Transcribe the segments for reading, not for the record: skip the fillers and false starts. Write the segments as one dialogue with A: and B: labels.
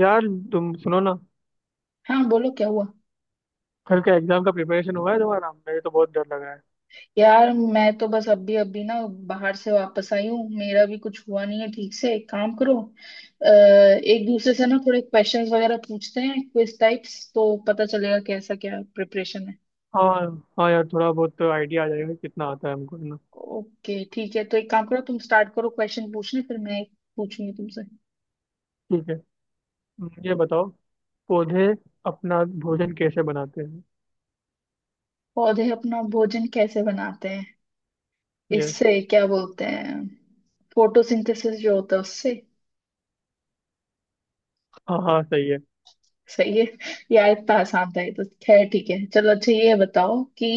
A: यार, तुम सुनो ना।
B: हाँ, बोलो क्या हुआ।
A: कल का एग्जाम का प्रिपरेशन हुआ है तुम्हारा? मुझे तो बहुत डर लग रहा है।
B: यार मैं तो बस अभी अभी ना बाहर से वापस आई हूँ। मेरा भी कुछ हुआ नहीं है ठीक से। एक काम करो, एक दूसरे से ना थोड़े क्वेश्चंस वगैरह पूछते हैं, क्विज टाइप्स, तो पता चलेगा कैसा क्या प्रिपरेशन है।
A: हाँ हाँ यार, थोड़ा बहुत आइडिया आ जाएगा कि कितना आता है हमको, है ना।
B: ओके ठीक है, तो एक काम करो, तुम स्टार्ट करो क्वेश्चन पूछने, फिर मैं एक पूछूंगी तुमसे।
A: ठीक है। ये बताओ, पौधे अपना भोजन कैसे बनाते हैं?
B: पौधे अपना भोजन कैसे बनाते हैं?
A: यस।
B: इससे क्या बोलते हैं? फोटोसिंथेसिस जो होता है उससे।
A: हाँ हाँ, सही है।
B: सही है। यार, इतना आसान था ये तो। खैर ठीक है, चलो। अच्छा, ये बताओ कि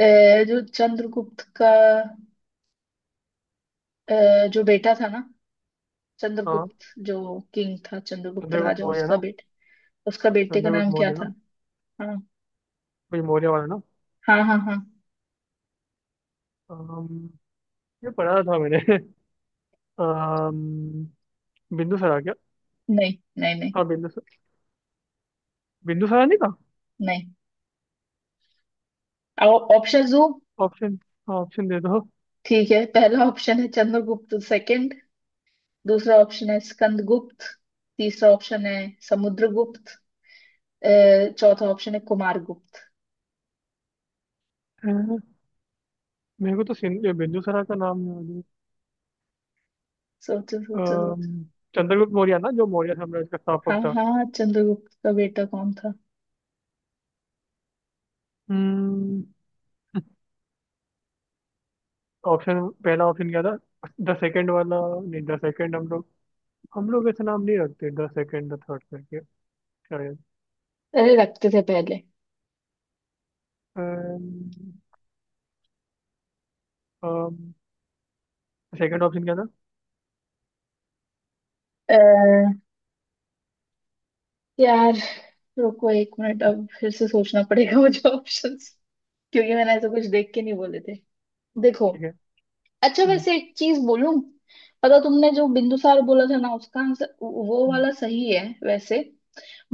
B: अ, जो चंद्रगुप्त का जो बेटा था ना,
A: हाँ,
B: चंद्रगुप्त जो किंग था, चंद्रगुप्त
A: चंद्रगुप्त
B: राजा,
A: मौर्य
B: उसका
A: ना?
B: बेटा, उसका बेटे का
A: चंद्रगुप्त
B: नाम क्या
A: मौर्य
B: था?
A: ना?
B: हाँ,
A: कोई मौर्य वाला ना।
B: हाँ, हाँ, हाँ।
A: अम, ये पढ़ा था मैंने। अम, बिंदुसारा क्या?
B: नहीं, नहीं, नहीं,
A: हाँ, बिंदुसार। बिंदुसारा नहीं था?
B: नहीं। ऑप्शन दो।
A: ऑप्शन? हाँ, ऑप्शन दे दो।
B: ठीक है। पहला ऑप्शन है चंद्रगुप्त सेकंड, दूसरा ऑप्शन है स्कंदगुप्त, तीसरा ऑप्शन है समुद्रगुप्त, अ, चौथा ऑप्शन है कुमारगुप्त।
A: अ, मेरे को तो बिंदुसारा का नाम याद है।
B: सोचो, सोचो, सोचो।
A: अम्म, चंद्रगुप्त मौर्य ना, जो मौर्य साम्राज्य का
B: हाँ
A: स्थापक था।
B: हाँ, चंद्रगुप्त का बेटा कौन था?
A: हम्म ऑप्शन। पहला ऑप्शन क्या था? द सेकंड वाला? नहीं, द सेकंड हम लोग ऐसा नाम नहीं रखते, द सेकंड द थर्ड करके, शायद।
B: अरे, रखते थे पहले।
A: सेकंड ऑप्शन क्या था?
B: अ, यार रुको एक मिनट, अब फिर से सोचना पड़ेगा मुझे ऑप्शंस, क्योंकि मैंने ऐसा कुछ देख के नहीं बोले थे। देखो।
A: ठीक है।
B: अच्छा
A: हम्म।
B: वैसे एक चीज बोलूं, पता, तुमने जो बिंदुसार बोला था ना, उसका आंसर वो
A: हम्म।
B: वाला सही है वैसे।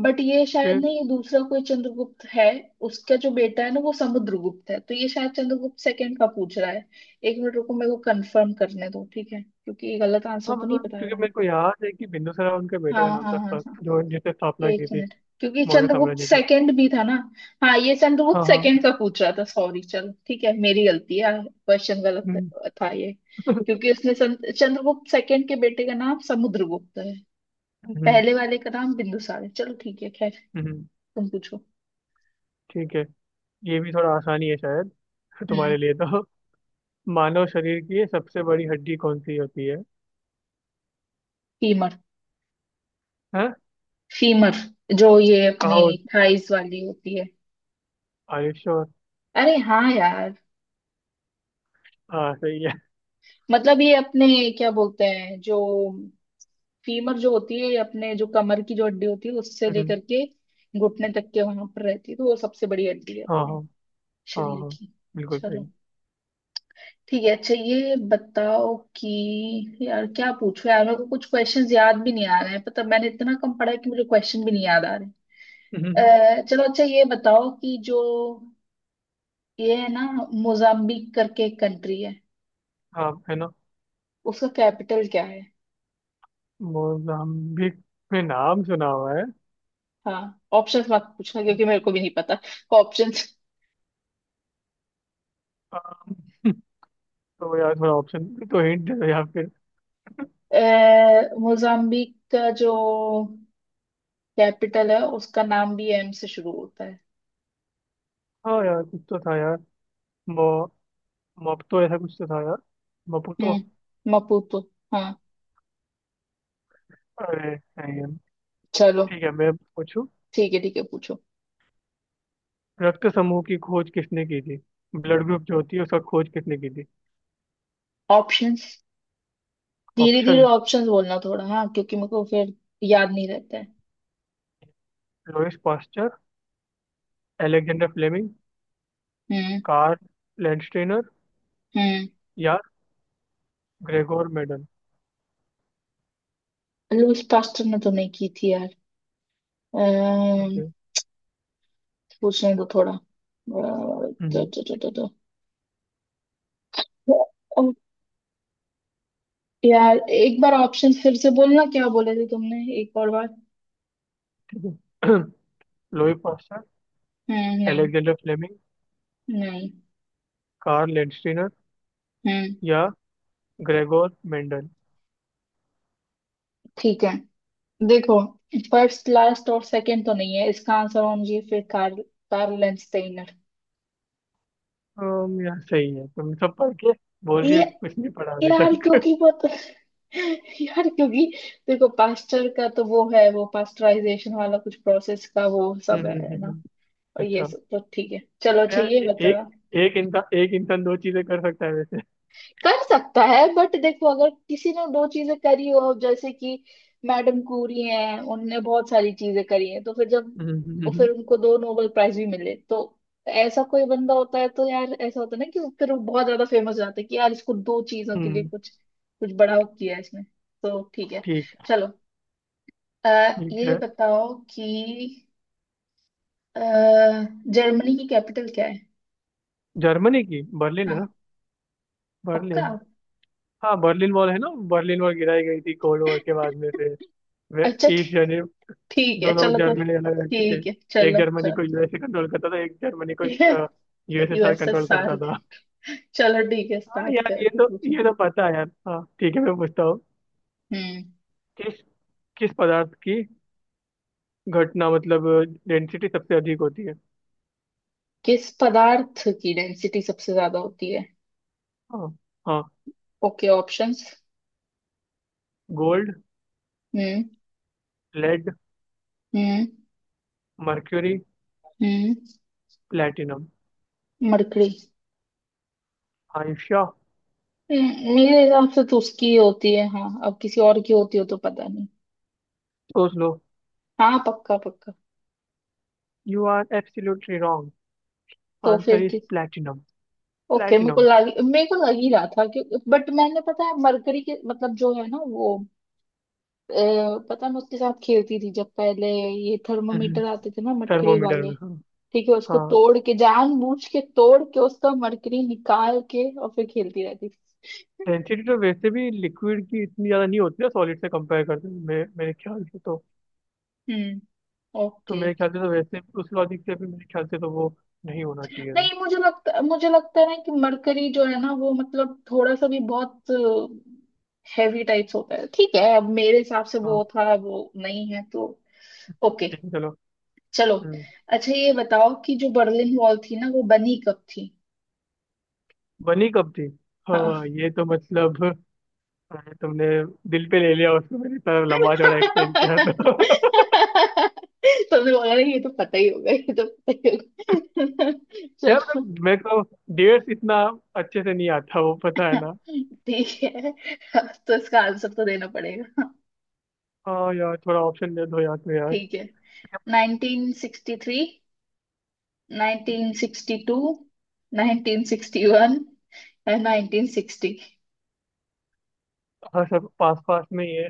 B: बट ये शायद
A: फिर?
B: नहीं, ये दूसरा कोई चंद्रगुप्त है। उसका जो बेटा है ना वो समुद्रगुप्त है, तो ये शायद चंद्रगुप्त सेकंड का पूछ रहा है। एक मिनट रुको, मेरे को कंफर्म करने दो, ठीक है, क्योंकि ये गलत आंसर
A: हाँ,
B: तो नहीं
A: मतलब
B: बता
A: क्योंकि
B: रहा है।
A: मेरे को याद है कि बिंदुसार उनके
B: हाँ,
A: बेटे का नाम
B: हाँ,
A: था,
B: हाँ,
A: सर,
B: हाँ।
A: जो जिसने स्थापना
B: एक
A: की थी
B: मिनट, क्योंकि
A: मौर्य
B: चंद्रगुप्त
A: साम्राज्य की।
B: सेकंड भी था ना। हाँ, ये
A: हाँ
B: चंद्रगुप्त
A: हाँ।
B: सेकंड का पूछ रहा था। सॉरी चलो ठीक है, मेरी गलती है, क्वेश्चन गलत
A: हम्म।
B: था ये। क्योंकि उसने चंद्रगुप्त सेकंड के बेटे का नाम समुद्रगुप्त है।
A: हम्म।
B: पहले वाले का नाम बिंदुसार है। चलो ठीक है, खैर।
A: हम्म।
B: तुम पूछो।
A: ठीक है। ये भी थोड़ा आसानी है शायद तुम्हारे
B: हम्म
A: लिए तो। मानव शरीर की सबसे बड़ी हड्डी कौन सी होती है?
B: फीमर।
A: हाँ।
B: फीमर। जो ये
A: कहा
B: अपनी
A: होती?
B: थाइस वाली होती है।
A: Are you sure?
B: अरे हाँ यार।
A: हाँ, सही है।
B: मतलब ये अपने क्या बोलते हैं जो फीमर जो होती है, अपने जो कमर की जो हड्डी होती है उससे
A: हम्म।
B: लेकर के घुटने तक के वहां पर रहती है, तो वो सबसे बड़ी हड्डी है
A: हाँ
B: अपने
A: हाँ हाँ
B: शरीर
A: हाँ,
B: की।
A: बिल्कुल
B: चलो
A: सही।
B: ठीक है। अच्छा ये बताओ कि यार क्या पूछो यार, मेरे को कुछ क्वेश्चंस याद भी नहीं आ रहे हैं। पता, मैंने इतना कम पढ़ा है कि मुझे क्वेश्चन भी नहीं याद आ रहे
A: हम्म।
B: हैं। चलो अच्छा, ये बताओ कि जो ये है ना, मोजाम्बिक करके एक कंट्री है,
A: हाँ, है ना।
B: उसका कैपिटल क्या है?
A: मोजाम्बिक, में नाम सुना हुआ है।
B: हाँ, ऑप्शंस मत पूछना क्योंकि मेरे को भी नहीं पता ऑप्शंस।
A: हाँ, तो यार, थोड़ा ऑप्शन तो हिंट दे दो या फिर।
B: अ, मोजाम्बिक का जो कैपिटल है उसका नाम भी एम से शुरू होता है।
A: हाँ यार, कुछ तो था यार। मो मोपतो ऐसा कुछ तो था यार। मपुतो।
B: हम्म, मपूतो। हाँ।
A: अरे, नहीं है।
B: चलो
A: ठीक है, मैं पूछूं।
B: ठीक है। ठीक है पूछो।
A: रक्त समूह की खोज किसने की थी? ब्लड ग्रुप जो होती है उसका खोज किसने की थी?
B: ऑप्शंस, धीरे धीरे
A: ऑप्शन।
B: ऑप्शंस बोलना थोड़ा, हाँ, क्योंकि मेरे को फिर याद नहीं रहता है।
A: लोइस पास्चर, एलेक्जेंडर फ्लेमिंग,
B: हम्म।
A: कार्ल लैंडस्टेनर
B: हम्म।
A: या ग्रेगोर मेंडल।
B: लुईस पास्टर ने तो नहीं की थी यार। अम्म,
A: ओके।
B: पूछने दो थोड़ा। तो,
A: हम्म।
B: तो, तो, तो, तो। अ, यार एक बार ऑप्शन फिर से बोलना, क्या बोले थे तुमने एक और बार?
A: ठीक है। लोई पास्चर,
B: हम्म। नहीं।
A: एलेक्जेंडर फ्लेमिंग,
B: नहीं।
A: कार्ल लैंडस्टेनर
B: हम्म।
A: या ग्रेगोर मेंडल।
B: ठीक है, देखो, फर्स्ट लास्ट और सेकंड तो नहीं है, इसका आंसर होना चाहिए फिर कार्ल। कार्ल लेंस्टेनर।
A: यार सही है, तुम सब पढ़ के बोल रही हो
B: ये,
A: कि कुछ नहीं पढ़ा अभी
B: यार
A: तक।
B: क्योंकि वो तो यार क्योंकि देखो, पास्टर का तो वो है, वो पास्टराइजेशन वाला कुछ प्रोसेस का वो
A: हम्म।
B: सब
A: हम्म। हम्म।
B: है ना।
A: हम्म।
B: और ये
A: अच्छा,
B: सब तो ठीक है, चलो।
A: तो
B: अच्छा
A: यार
B: ये बता,
A: एक एक इंसान दो चीजें कर सकता है वैसे।
B: कर सकता है बट देखो, अगर किसी ने दो चीजें करी हो, जैसे कि मैडम क्यूरी हैं, उनने बहुत सारी चीजें करी हैं, तो फिर जब
A: हम्म। हम्म।
B: और
A: हम्म।
B: फिर उनको दो नोबेल प्राइज भी मिले तो ऐसा कोई बंदा होता है, तो यार ऐसा होता है ना कि फिर वो बहुत ज्यादा फेमस हो जाता है कि यार इसको दो चीजों के लिए
A: हम्म।
B: कुछ कुछ बड़ा किया है इसने। तो ठीक है,
A: ठीक है।
B: चलो। अ,
A: ठीक
B: ये
A: है।
B: बताओ कि अ, जर्मनी की कैपिटल क्या है?
A: जर्मनी की बर्लिन है ना।
B: हाँ, पक्का।
A: बर्लिन। हाँ, बर्लिन वॉल है ना। बर्लिन वॉल गिराई गई थी कोल्ड वॉर के बाद में से। वे
B: अच्छा
A: ईस्ट
B: ठीक।
A: जर्मनी।
B: ठीक है
A: दोनों
B: चलो तो।
A: जर्मनी अलग अलग थे।
B: ठीक है।
A: एक
B: चलो,
A: जर्मनी को यूएसए कंट्रोल करता था, एक जर्मनी को
B: चलो
A: यूएसएसआर कंट्रोल करता
B: यूएसएसआर।
A: था।
B: चलो ठीक है,
A: हाँ
B: स्टार्ट
A: यार,
B: कर,
A: ये
B: तू
A: तो
B: पूछो।
A: ये तो पता है यार। हाँ, ठीक है, मैं पूछता हूँ।
B: हम्म।
A: किस किस पदार्थ की घटना मतलब डेंसिटी सबसे अधिक होती है?
B: किस पदार्थ की डेंसिटी सबसे ज्यादा होती है?
A: हाँ। हाँ।
B: Okay, options.
A: Gold,
B: hmm.
A: Lead,
B: hmm.
A: Mercury,
B: hmm.
A: Platinum,
B: mercury.
A: आयुष्या।
B: मेरे हिसाब से तो उसकी ही होती है। हाँ, अब किसी और की होती हो तो पता नहीं।
A: सोच लो।
B: हाँ, पक्का पक्का।
A: You are absolutely wrong.
B: तो फिर
A: आंसर इज
B: किस?
A: प्लेटिनम।
B: ओके, मेरे को
A: प्लेटिनम।
B: लग मेरे को लग ही रहा था कि। बट मैंने पता है मरकरी के मतलब जो है ना वो। अ, पता है मैं उसके साथ खेलती थी जब पहले ये थर्मोमीटर आते थे ना, मरकरी
A: थर्मोमीटर
B: वाले।
A: में, हाँ।
B: ठीक है, उसको
A: हाँ।
B: तोड़ के, जानबूझ के तोड़ के उसका मरकरी निकाल के, और फिर खेलती रहती थी।
A: डेंसिटी तो वैसे भी लिक्विड की इतनी ज़्यादा नहीं होती है, सॉलिड से कंपेयर करते हैं मेरे मेरे ख्याल से तो।
B: हम्म।
A: तो
B: ओके।
A: मेरे ख्याल से तो, वैसे उस लॉजिक से भी मेरे ख्याल से तो, वो नहीं होना चाहिए था।
B: नहीं, मुझे लगता है ना कि मरकरी जो है ना वो मतलब थोड़ा सा भी बहुत हैवी टाइप्स होता है। ठीक है, अब मेरे हिसाब से
A: हाँ,
B: वो था, वो नहीं है तो। ओके,
A: ठीक है, चलो।
B: चलो।
A: हम्म।
B: अच्छा ये बताओ कि जो बर्लिन वॉल थी ना वो बनी कब थी?
A: बनी कब थी? हाँ,
B: हाँ।
A: ये तो मतलब। अरे, तुमने दिल पे ले लिया उसको। मैंने इतना लंबा चौड़ा एक्सप्लेन किया था।
B: तुमने बोला ना, ये तो पता ही होगा, ये तो पता ही होगा
A: यार,
B: चलो
A: मतलब मेरे को डेट्स इतना अच्छे से नहीं आता, वो पता है ना।
B: ठीक है, अब तो इसका आंसर तो देना पड़ेगा।
A: हाँ यार, थोड़ा ऑप्शन दे दो यार, तो यार।
B: ठीक है, 1963, 1962, 1961 और 1960।
A: हाँ, सब पास पास में ही है।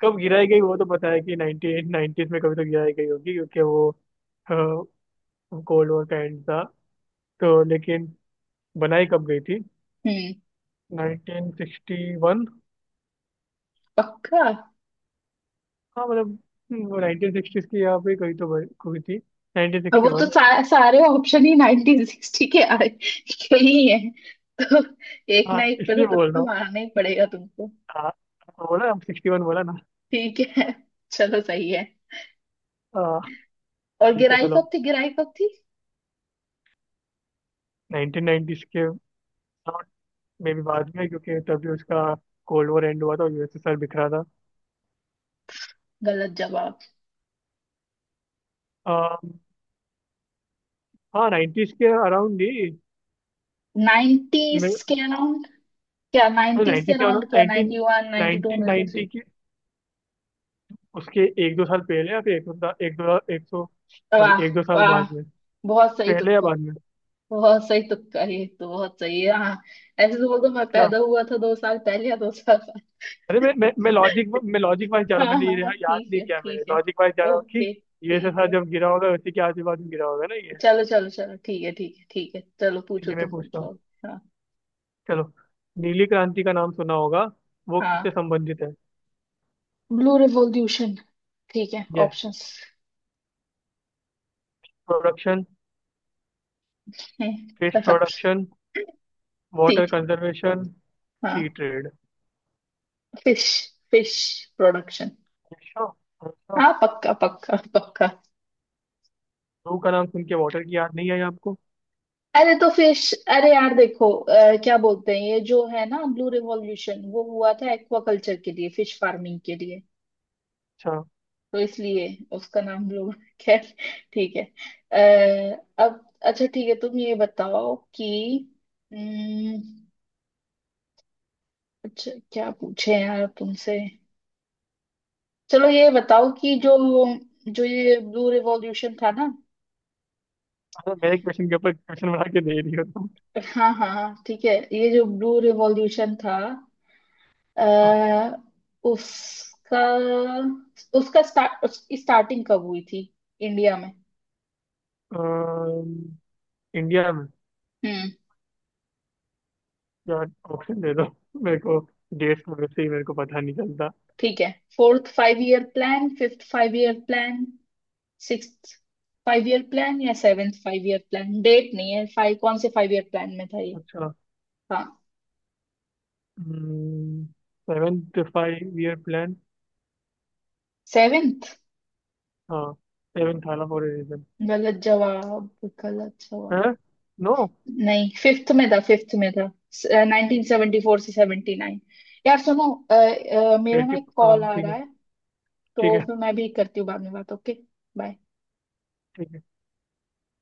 A: कब गिराई गई वो तो पता है कि 1990s में कभी तो गिराई गई होगी, क्योंकि वो कोल्ड वॉर का एंड था, तो लेकिन बनाई कब गई थी?
B: हम्म।
A: 1961।
B: पक्का।
A: हाँ, मतलब वो 1960s की यहाँ पे कहीं तो हुई थी। नाइनटीन
B: अब
A: सिक्सटी
B: वो तो
A: वन
B: सारे ऑप्शन ही 1960 के आए के ही है, तो एक
A: हाँ,
B: ना एक पे
A: इसलिए
B: तो
A: बोल
B: तुक्का
A: रहा हूँ।
B: मारना ही पड़ेगा तुमको।
A: हाँ, बोला हम 61 बोला ना।
B: ठीक है चलो सही है।
A: हाँ,
B: और
A: ठीक है,
B: गिराई
A: चलो।
B: कब थी, गिराई कब थी?
A: 1990s के में भी बाद में, क्योंकि तभी उसका कोल्ड वॉर एंड हुआ था, यूएसएसआर बिखरा था।
B: गलत जवाब।
A: आ, हाँ, 90s के अराउंड ही।
B: 90s के अराउंड? क्या
A: तो
B: 90s के
A: 90 क्या
B: अराउंड?
A: होता?
B: क्या
A: नाइनटीन
B: 91, 92,
A: नाइनटीन
B: 93?
A: नाइनटी की उसके एक दो साल पहले, या फिर एक दो एक दो 100, सॉरी,
B: वाह,
A: एक दो साल
B: वाह।
A: बाद में।
B: बहुत सही
A: पहले या
B: तुक्का।
A: बाद में?
B: बहुत सही तुक्का, ये तो बहुत सही है, हाँ। ऐसे तो बोल दो, मैं
A: क्या?
B: पैदा हुआ था दो साल पहले या दो साल बाद।
A: अरे, मैं लॉजिक वाइज जा रहा
B: हाँ,
A: हूँ। मैंने
B: हाँ, हाँ,
A: याद
B: ठीक
A: नहीं
B: है,
A: किया, मैंने
B: ठीक है।
A: लॉजिक वाइज जा रहा हूँ कि
B: ओके ठीक
A: यूएसएसआर
B: है।
A: जब गिरा होगा उसी के आजू बाजू गिरा होगा ना ये।
B: चलो, चलो, चलो, ठीक है, ठीक है, ठीक है। चलो
A: ठीक
B: पूछो,
A: है, मैं
B: तुम
A: पूछता हूँ।
B: पूछो। हाँ,
A: चलो। नीली क्रांति का नाम सुना होगा। वो
B: हाँ,
A: किससे संबंधित है?
B: Blue revolution. ठीक है,
A: यस।
B: ऑप्शंस।
A: प्रोडक्शन,
B: है,
A: फिश
B: कसब।
A: प्रोडक्शन, वाटर
B: ठीक,
A: कंजर्वेशन,
B: हाँ।
A: Sea trade.
B: Fish. Fish production.
A: अच्छा,
B: हाँ, पक्का, पक्का, पक्का।
A: जू का नाम सुन के वाटर की याद नहीं आई आपको?
B: अरे तो फिश। अरे यार देखो, क्या बोलते हैं, ये जो है ना ब्लू रिवॉल्यूशन वो हुआ था एक्वाकल्चर के लिए, फिश फार्मिंग के लिए।
A: अच्छा।
B: तो इसलिए उसका नाम ब्लू। खैर, ठीक है। अब अच्छा ठीक है, तुम ये बताओ कि अम्म, अच्छा क्या पूछे यार तुमसे। चलो ये बताओ कि जो जो ये ब्लू रिवॉल्यूशन था ना।
A: अच्छा, मेरे क्वेश्चन के ऊपर क्वेश्चन बना के दे रही हो तुम?
B: हाँ, हाँ, हाँ, ठीक है, ये जो ब्लू रिवॉल्यूशन था आ, उसका उसका स्टार्ट उसकी स्टार्टिंग कब हुई थी इंडिया में?
A: अम, इंडिया में।
B: हम्म।
A: यार ऑप्शन दे दो मेरे को, डेट्स में वैसे ही मेरे को पता नहीं चलता।
B: ठीक है, fourth five year plan, fifth five year plan, sixth five year plan या seventh five year plan? Date नहीं है, फाइव कौन से फाइव ईयर प्लान में था ये?
A: अच्छा।
B: हाँ,
A: seventh five year plan.
B: Seventh.
A: हाँ, सेवेंथ आला फॉर ए रीजन।
B: गलत जवाब। गलत
A: है?
B: जवाब।
A: नो।
B: नहीं, फिफ्थ में था, फिफ्थ में था, 1974 से 79। यार सुनो, मेरा ना
A: 80।
B: एक कॉल
A: हाँ,
B: आ
A: ठीक है,
B: रहा है,
A: ठीक
B: तो
A: है,
B: फिर मैं भी करती हूँ बाद में बात। ओके। बाय।
A: ठीक है।